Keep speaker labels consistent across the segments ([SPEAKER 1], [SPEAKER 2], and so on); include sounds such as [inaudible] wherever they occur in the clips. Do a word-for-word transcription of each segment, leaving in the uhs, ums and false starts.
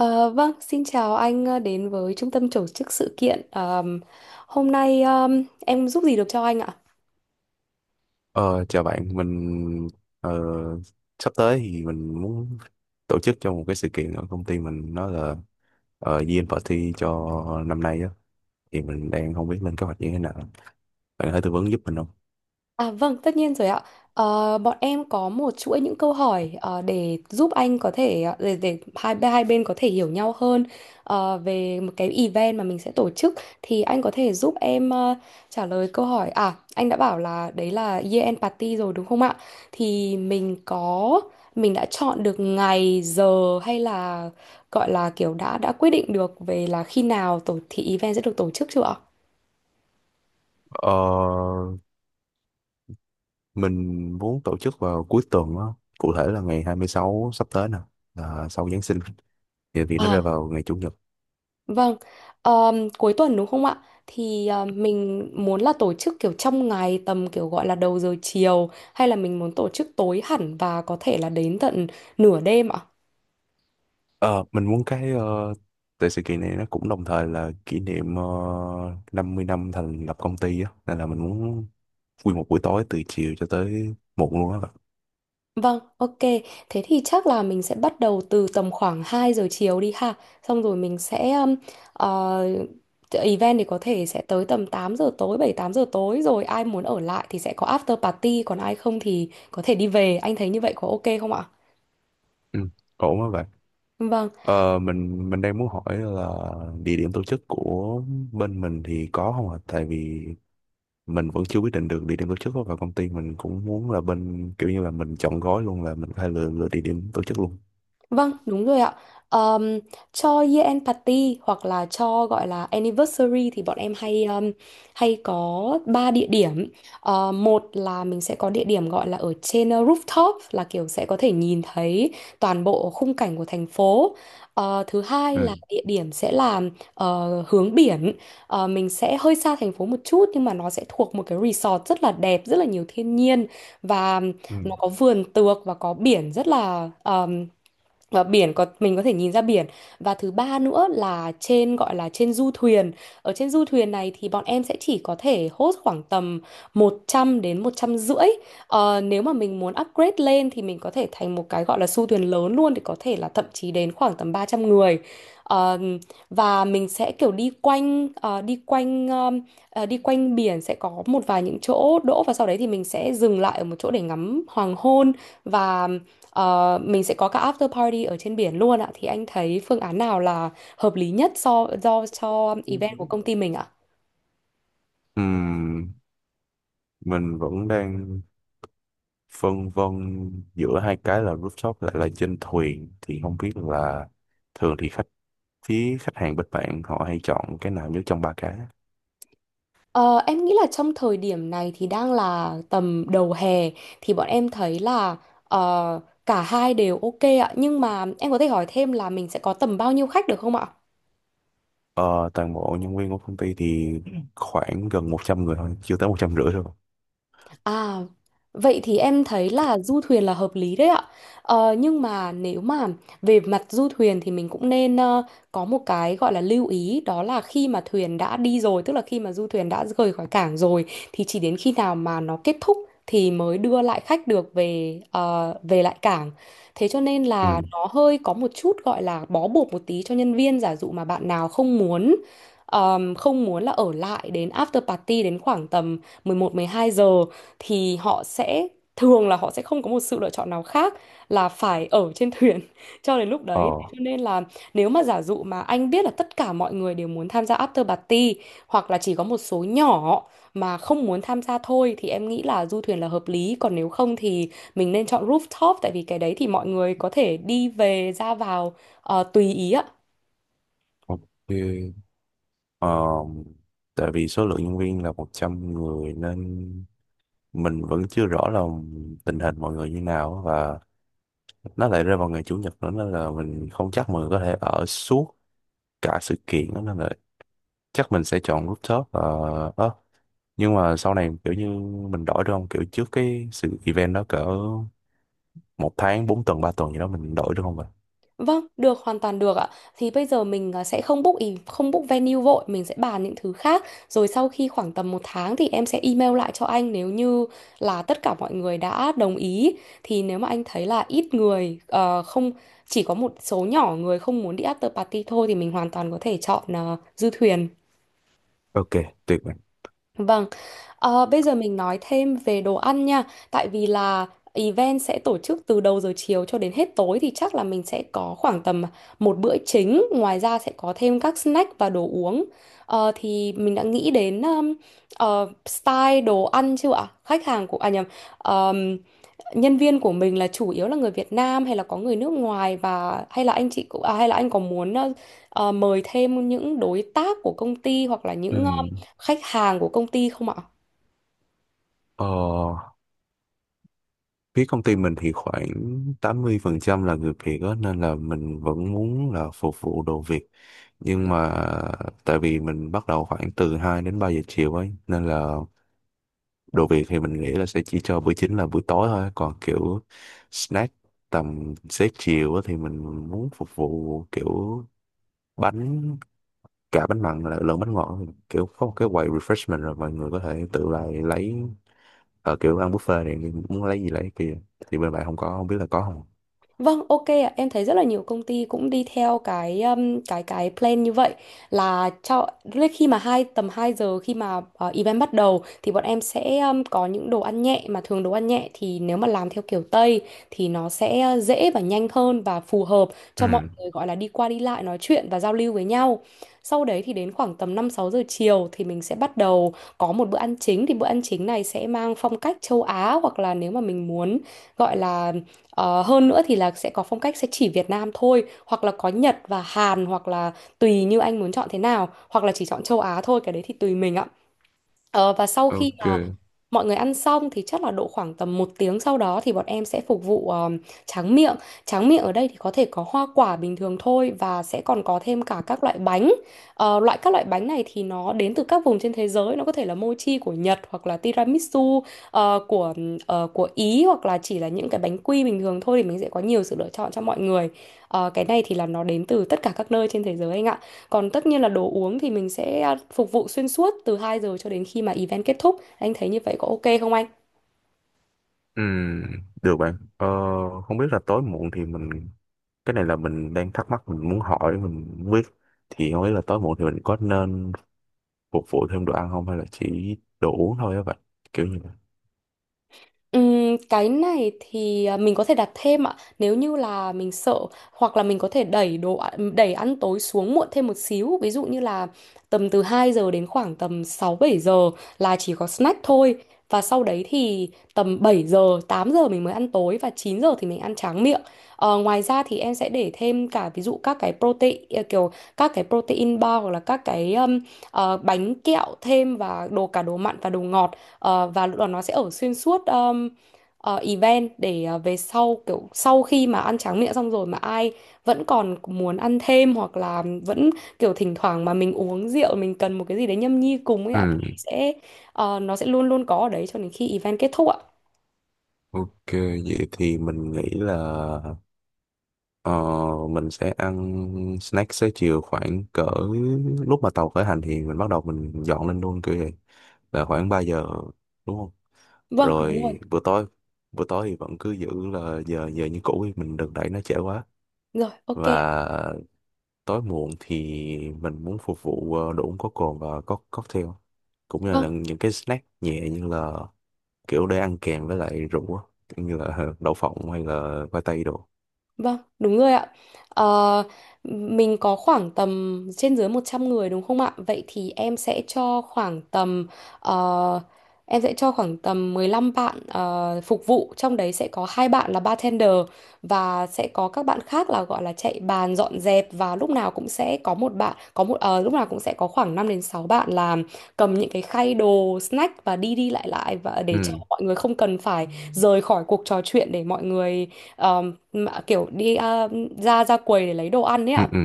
[SPEAKER 1] Ờ, vâng, Xin chào anh, ờ, đến với trung tâm tổ chức sự kiện. Ờm, hôm nay ờm, em giúp gì được cho anh ạ?
[SPEAKER 2] Ờ, Chào bạn, mình ờ, sắp tới thì mình muốn tổ chức cho một cái sự kiện ở công ty mình, nó là uh, Year End Party cho năm nay á, thì mình đang không biết lên kế hoạch như thế nào. Bạn có thể tư vấn giúp mình không?
[SPEAKER 1] À vâng, tất nhiên rồi ạ. Ờ, bọn em có một chuỗi những câu hỏi ờ, để giúp anh có thể ờ, để, để hai hai bên có thể hiểu nhau hơn ờ, về một cái event mà mình sẽ tổ chức, thì anh có thể giúp em ờ, trả lời câu hỏi. À, anh đã bảo là đấy là year end party rồi đúng không ạ? Thì mình có, mình đã chọn được ngày giờ hay là gọi là kiểu đã đã quyết định được về là khi nào tổ thì event sẽ được tổ chức chưa
[SPEAKER 2] Ờ, mình muốn tổ chức vào cuối tuần á, cụ thể là ngày hai mươi sáu sắp tới nè, là sau Giáng sinh thì, thì nó
[SPEAKER 1] ạ?
[SPEAKER 2] rơi vào ngày Chủ nhật.
[SPEAKER 1] Vâng, ờm, cuối tuần đúng không ạ? Thì ờ, mình muốn là tổ chức kiểu trong ngày tầm kiểu gọi là đầu giờ chiều hay là mình muốn tổ chức tối hẳn và có thể là đến tận nửa đêm ạ?
[SPEAKER 2] Ờ, mình muốn cái ờ, tại sự kiện này nó cũng đồng thời là kỷ niệm uh, năm mươi năm thành lập công ty á, nên là mình muốn nguyên một buổi tối từ chiều cho tới muộn luôn á bạn.
[SPEAKER 1] Vâng, ok. Thế thì chắc là mình sẽ bắt đầu từ tầm khoảng hai giờ chiều đi ha. Xong rồi mình sẽ ừm, ờ, event thì có thể sẽ tới tầm tám giờ tối, bảy tám giờ tối, rồi ai muốn ở lại thì sẽ có after party, còn ai không thì có thể đi về. Anh thấy như vậy có ok không ạ?
[SPEAKER 2] Ừ, ổn á bạn.
[SPEAKER 1] Vâng.
[SPEAKER 2] Ờ, mình mình đang muốn hỏi là địa điểm tổ chức của bên mình thì có không ạ, tại vì mình vẫn chưa quyết định được địa điểm tổ chức á, và công ty mình cũng muốn là bên kiểu như là mình chọn gói luôn, là mình phải lựa lựa địa điểm tổ chức luôn.
[SPEAKER 1] Vâng, đúng rồi ạ. Ờm, cho year end party hoặc là cho gọi là anniversary thì bọn em hay ờm, hay có ba địa điểm. Ờ, một là mình sẽ có địa điểm gọi là ở trên ờ, rooftop, là kiểu sẽ có thể nhìn thấy toàn bộ khung cảnh của thành phố. Ờ, thứ hai
[SPEAKER 2] Ừ.
[SPEAKER 1] là địa điểm sẽ là ờ, hướng biển. Ờ, mình sẽ hơi xa thành phố một chút nhưng mà nó sẽ thuộc một cái resort rất là đẹp, rất là nhiều thiên nhiên, và
[SPEAKER 2] Ừ.
[SPEAKER 1] nó có vườn tược và có biển rất là, và biển có mình có thể nhìn ra biển. Và thứ ba nữa là trên gọi là trên du thuyền. Ở trên du thuyền này thì bọn em sẽ chỉ có thể host khoảng tầm một trăm đến một trăm năm mươi. Ờ, nếu mà mình muốn upgrade lên thì mình có thể thành một cái gọi là du thuyền lớn luôn, thì có thể là thậm chí đến khoảng tầm ba trăm người. Ờ, và mình sẽ kiểu đi quanh ờ, đi quanh ờm, ờ, đi quanh biển, sẽ có một vài những chỗ đỗ và sau đấy thì mình sẽ dừng lại ở một chỗ để ngắm hoàng hôn. Và Ờ, mình sẽ có cả after party ở trên biển luôn ạ. Thì anh thấy phương án nào là hợp lý nhất so do cho event của công ty mình ạ?
[SPEAKER 2] Ừm, mình vẫn đang phân vân giữa hai cái là rooftop lại là trên thuyền, thì không biết là thường thì khách, phía khách hàng bên bạn họ hay chọn cái nào nhất trong ba cái.
[SPEAKER 1] Ờ, em nghĩ là trong thời điểm này thì đang là tầm đầu hè thì bọn em thấy là ờ, cả hai đều ok ạ. Nhưng mà em có thể hỏi thêm là mình sẽ có tầm bao nhiêu khách được không ạ?
[SPEAKER 2] ờ, Toàn bộ nhân viên của công ty thì khoảng gần một trăm người thôi, chưa tới một trăm rưỡi thôi.
[SPEAKER 1] À, vậy thì em thấy là du thuyền là hợp lý đấy ạ. Ờ, nhưng mà nếu mà về mặt du thuyền thì mình cũng nên ờ, có một cái gọi là lưu ý, đó là khi mà thuyền đã đi rồi, tức là khi mà du thuyền đã rời khỏi cảng rồi, thì chỉ đến khi nào mà nó kết thúc thì mới đưa lại khách được về ờ, về lại cảng. Thế cho nên
[SPEAKER 2] Ừ.
[SPEAKER 1] là nó hơi có một chút gọi là bó buộc một tí cho nhân viên. Giả dụ mà bạn nào không muốn ờm, không muốn là ở lại đến after party đến khoảng tầm mười một mười hai giờ, thì họ sẽ thường là họ sẽ không có một sự lựa chọn nào khác là phải ở trên thuyền [laughs] cho đến lúc đấy. Thế
[SPEAKER 2] Ờ.
[SPEAKER 1] cho nên là nếu mà giả dụ mà anh biết là tất cả mọi người đều muốn tham gia after party, hoặc là chỉ có một số nhỏ mà không muốn tham gia thôi, thì em nghĩ là du thuyền là hợp lý. Còn nếu không thì mình nên chọn rooftop, tại vì cái đấy thì mọi người có thể đi về ra vào ờ, tùy ý ạ.
[SPEAKER 2] OK. ờ, Tại vì số lượng nhân viên là một trăm người nên mình vẫn chưa rõ là tình hình mọi người như nào, và nó lại rơi vào ngày chủ nhật nữa nên là mình không chắc mọi người có thể ở suốt cả sự kiện đó, nên là chắc mình sẽ chọn rooftop uh, á. Nhưng mà sau này kiểu như mình đổi được không, kiểu trước cái sự event đó cỡ một tháng, bốn tuần, ba tuần gì đó, mình đổi được không vậy?
[SPEAKER 1] Vâng, được, hoàn toàn được ạ. Thì bây giờ mình à, sẽ không book ý, không book venue vội, mình sẽ bàn những thứ khác. Rồi sau khi khoảng tầm một tháng thì em sẽ email lại cho anh nếu như là tất cả mọi người đã đồng ý. Thì nếu mà anh thấy là ít người ờ, không, chỉ có một số nhỏ người không muốn đi after party thôi, thì mình hoàn toàn có thể chọn ờ, du thuyền.
[SPEAKER 2] OK, tuyệt vời.
[SPEAKER 1] Vâng, ờ, bây giờ mình nói thêm về đồ ăn nha, tại vì là event sẽ tổ chức từ đầu giờ chiều cho đến hết tối thì chắc là mình sẽ có khoảng tầm một bữa chính, ngoài ra sẽ có thêm các snack và đồ uống. Ờ, thì mình đã nghĩ đến um, ờ, style đồ ăn chưa ạ? Khách hàng của à nhầm, nhân viên của mình là chủ yếu là người Việt Nam hay là có người nước ngoài, và hay là anh chị cũng à, hay là anh có muốn ờ, ờ, mời thêm những đối tác của công ty hoặc là những ờ,
[SPEAKER 2] Ừm,
[SPEAKER 1] khách hàng của công ty không ạ?
[SPEAKER 2] ờ, Phía công ty mình thì khoảng tám mươi phần trăm là người Việt á, nên là mình vẫn muốn là phục vụ đồ Việt. Nhưng mà tại vì mình bắt đầu khoảng từ hai đến ba giờ chiều ấy, nên là đồ Việt thì mình nghĩ là sẽ chỉ cho bữa chính là buổi tối thôi, còn kiểu snack tầm xế chiều á thì mình muốn phục vụ kiểu bánh, cả bánh mặn là lẫn bánh ngọt, kiểu có một cái quầy refreshment rồi mọi người có thể tự lại lấy, ở kiểu ăn buffet này muốn lấy gì lấy kia, thì bên bạn không có không biết là có không.
[SPEAKER 1] Vâng, ok ạ. Em thấy rất là nhiều công ty cũng đi theo cái um, cái cái plan như vậy, là cho lúc khi mà hai tầm hai giờ khi mà ờ, event bắt đầu thì bọn em sẽ um, có những đồ ăn nhẹ, mà thường đồ ăn nhẹ thì nếu mà làm theo kiểu Tây thì nó sẽ ờ, dễ và nhanh hơn, và phù hợp
[SPEAKER 2] Ừ.
[SPEAKER 1] cho mọi người gọi là đi qua đi lại nói chuyện và giao lưu với nhau. Sau đấy thì đến khoảng tầm năm sáu giờ chiều thì mình sẽ bắt đầu có một bữa ăn chính, thì bữa ăn chính này sẽ mang phong cách châu Á, hoặc là nếu mà mình muốn gọi là Ờ, hơn nữa, thì là sẽ có phong cách sẽ chỉ Việt Nam thôi, hoặc là có Nhật và Hàn, hoặc là tùy như anh muốn chọn thế nào, hoặc là chỉ chọn châu Á thôi, cái đấy thì tùy mình ạ. Ờ, và sau khi
[SPEAKER 2] OK.
[SPEAKER 1] mà mọi người ăn xong thì chắc là độ khoảng tầm một tiếng sau đó thì bọn em sẽ phục vụ ờm, tráng miệng. Tráng miệng ở đây thì có thể có hoa quả bình thường thôi và sẽ còn có thêm cả các loại bánh. Ờ, loại các loại bánh này thì nó đến từ các vùng trên thế giới. Nó có thể là mochi của Nhật hoặc là tiramisu ờ, của ờ, của Ý, hoặc là chỉ là những cái bánh quy bình thường thôi, thì mình sẽ có nhiều sự lựa chọn cho mọi người. Ờ, cái này thì là nó đến từ tất cả các nơi trên thế giới anh ạ. Còn tất nhiên là đồ uống thì mình sẽ à, phục vụ xuyên suốt từ hai giờ cho đến khi mà event kết thúc. Anh thấy như vậy có ok không anh?
[SPEAKER 2] Ừ, được bạn. ờ, Không biết là tối muộn thì mình, cái này là mình đang thắc mắc mình muốn hỏi mình muốn biết, thì không biết là tối muộn thì mình có nên phục vụ thêm đồ ăn không, hay là chỉ đồ uống thôi á vậy, kiểu như vậy.
[SPEAKER 1] Ừm, cái này thì à, mình có thể đặt thêm ạ nếu như là mình sợ, hoặc là mình có thể đẩy đồ ạ- đẩy ăn tối xuống muộn thêm một xíu, ví dụ như là tầm từ hai giờ đến khoảng tầm sáu bảy giờ là chỉ có snack thôi, và sau đấy thì tầm bảy giờ tám giờ mình mới ăn tối và chín giờ thì mình ăn tráng miệng. Ờ, ngoài ra thì em sẽ để thêm cả ví dụ các cái protein à, kiểu các cái protein bar hoặc là các cái um, ờ, bánh kẹo thêm và đồ cả đồ mặn và đồ ngọt. Ờ, và lúc đó nó sẽ ở xuyên suốt um, ờ, event để ờ, về sau kiểu sau khi mà ăn tráng miệng xong rồi mà ai vẫn còn muốn ăn thêm, hoặc là vẫn kiểu thỉnh thoảng mà mình uống rượu mình cần một cái gì đấy nhâm nhi cùng ấy ạ, thì
[SPEAKER 2] Ừ.
[SPEAKER 1] sẽ ờ, nó sẽ luôn luôn có ở đấy cho đến khi event kết thúc ạ.
[SPEAKER 2] OK. Vậy thì mình nghĩ là ờ, mình sẽ ăn snack xế chiều khoảng cỡ lúc mà tàu khởi hành thì mình bắt đầu mình dọn lên luôn kiểu vậy, là khoảng ba giờ đúng không?
[SPEAKER 1] Vâng, đúng rồi.
[SPEAKER 2] Rồi bữa tối, bữa tối thì vẫn cứ giữ là giờ giờ như cũ đi, mình đừng đẩy nó trễ quá.
[SPEAKER 1] Rồi, ok.
[SPEAKER 2] Và tối muộn thì mình muốn phục vụ ờ, đồ uống có cồn và có cocktail, cũng như là
[SPEAKER 1] Vâng.
[SPEAKER 2] những cái snack nhẹ, như là kiểu để ăn kèm với lại rượu á, kiểu như là [laughs] đậu phộng hay là khoai tây đồ.
[SPEAKER 1] Vâng, đúng rồi ạ. Ờ, mình có khoảng tầm trên dưới một trăm người đúng không ạ? Vậy thì em sẽ cho khoảng tầm ờ, em sẽ cho khoảng tầm mười lăm bạn ờ, phục vụ, trong đấy sẽ có hai bạn là bartender, và sẽ có các bạn khác là gọi là chạy bàn dọn dẹp, và lúc nào cũng sẽ có một bạn có một ờ, lúc nào cũng sẽ có khoảng năm đến sáu bạn là cầm những cái khay đồ snack và đi đi lại lại, và để cho
[SPEAKER 2] ừ
[SPEAKER 1] mọi người không cần phải rời khỏi cuộc trò chuyện để mọi người mà kiểu đi à, ra ra quầy để lấy đồ ăn ấy
[SPEAKER 2] ừ
[SPEAKER 1] ạ.
[SPEAKER 2] ừ,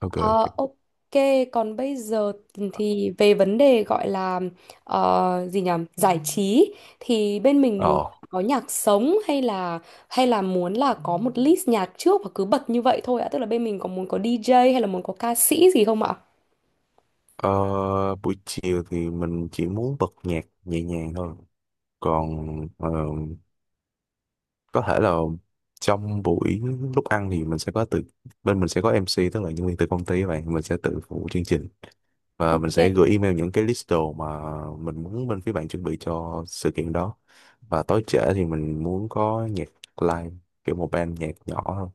[SPEAKER 2] OK, OK.
[SPEAKER 1] Ờ, ok, còn bây giờ thì về vấn đề gọi là ờ, gì nhỉ? Giải trí thì bên mình muốn
[SPEAKER 2] ờ
[SPEAKER 1] có nhạc sống hay là hay là muốn là có một list nhạc trước và cứ bật như vậy thôi ạ. Tức là bên mình có muốn có di jay hay là muốn có ca sĩ gì không ạ?
[SPEAKER 2] ờ, Buổi chiều thì mình chỉ muốn bật nhạc nhẹ nhàng thôi, còn ờ, có thể là trong buổi lúc ăn thì mình sẽ có từ, bên mình sẽ có em xê, tức là nhân viên từ công ty, các bạn mình sẽ tự phụ chương trình, và mình sẽ
[SPEAKER 1] Ok.
[SPEAKER 2] gửi email những cái list đồ mà mình muốn bên phía bạn chuẩn bị cho sự kiện đó. Và tối trễ thì mình muốn có nhạc live, kiểu một band nhạc nhỏ thôi.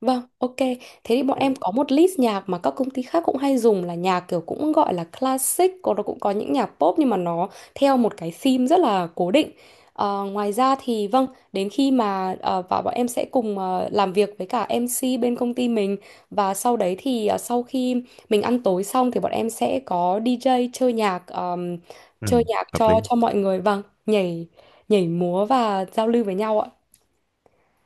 [SPEAKER 1] Vâng, ok. Thế thì bọn em có một list nhạc mà các công ty khác cũng hay dùng, là nhạc kiểu cũng gọi là classic, còn nó cũng có những nhạc pop nhưng mà nó theo một cái theme rất là cố định. Ờ, ngoài ra thì vâng, đến khi mà ờ, và bọn em sẽ cùng ờ, làm việc với cả em si bên công ty mình, và sau đấy thì ờ, sau khi mình ăn tối xong thì bọn em sẽ có đi gi chơi nhạc ờm,
[SPEAKER 2] Ừ,
[SPEAKER 1] chơi nhạc
[SPEAKER 2] hợp
[SPEAKER 1] cho
[SPEAKER 2] lý.
[SPEAKER 1] cho mọi người vâng, nhảy nhảy múa và giao lưu với nhau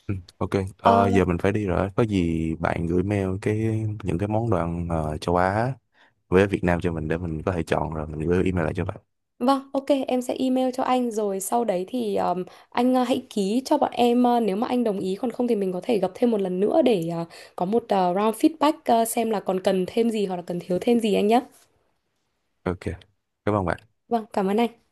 [SPEAKER 2] Ừ, OK. Ờ,
[SPEAKER 1] ạ.
[SPEAKER 2] giờ mình phải đi rồi. Có gì bạn gửi mail cái những cái món đồ ăn ờ, châu Á với Việt Nam cho mình để mình có thể chọn rồi mình gửi email lại cho bạn.
[SPEAKER 1] Vâng, ok, em sẽ email cho anh rồi sau đấy thì um, anh uh, hãy ký cho bọn em, uh, nếu mà anh đồng ý, còn không thì mình có thể gặp thêm một lần nữa để uh, có một uh, round feedback, uh, xem là còn cần thêm gì hoặc là cần thiếu thêm gì anh nhé.
[SPEAKER 2] OK, cảm ơn bạn.
[SPEAKER 1] Vâng, cảm ơn anh.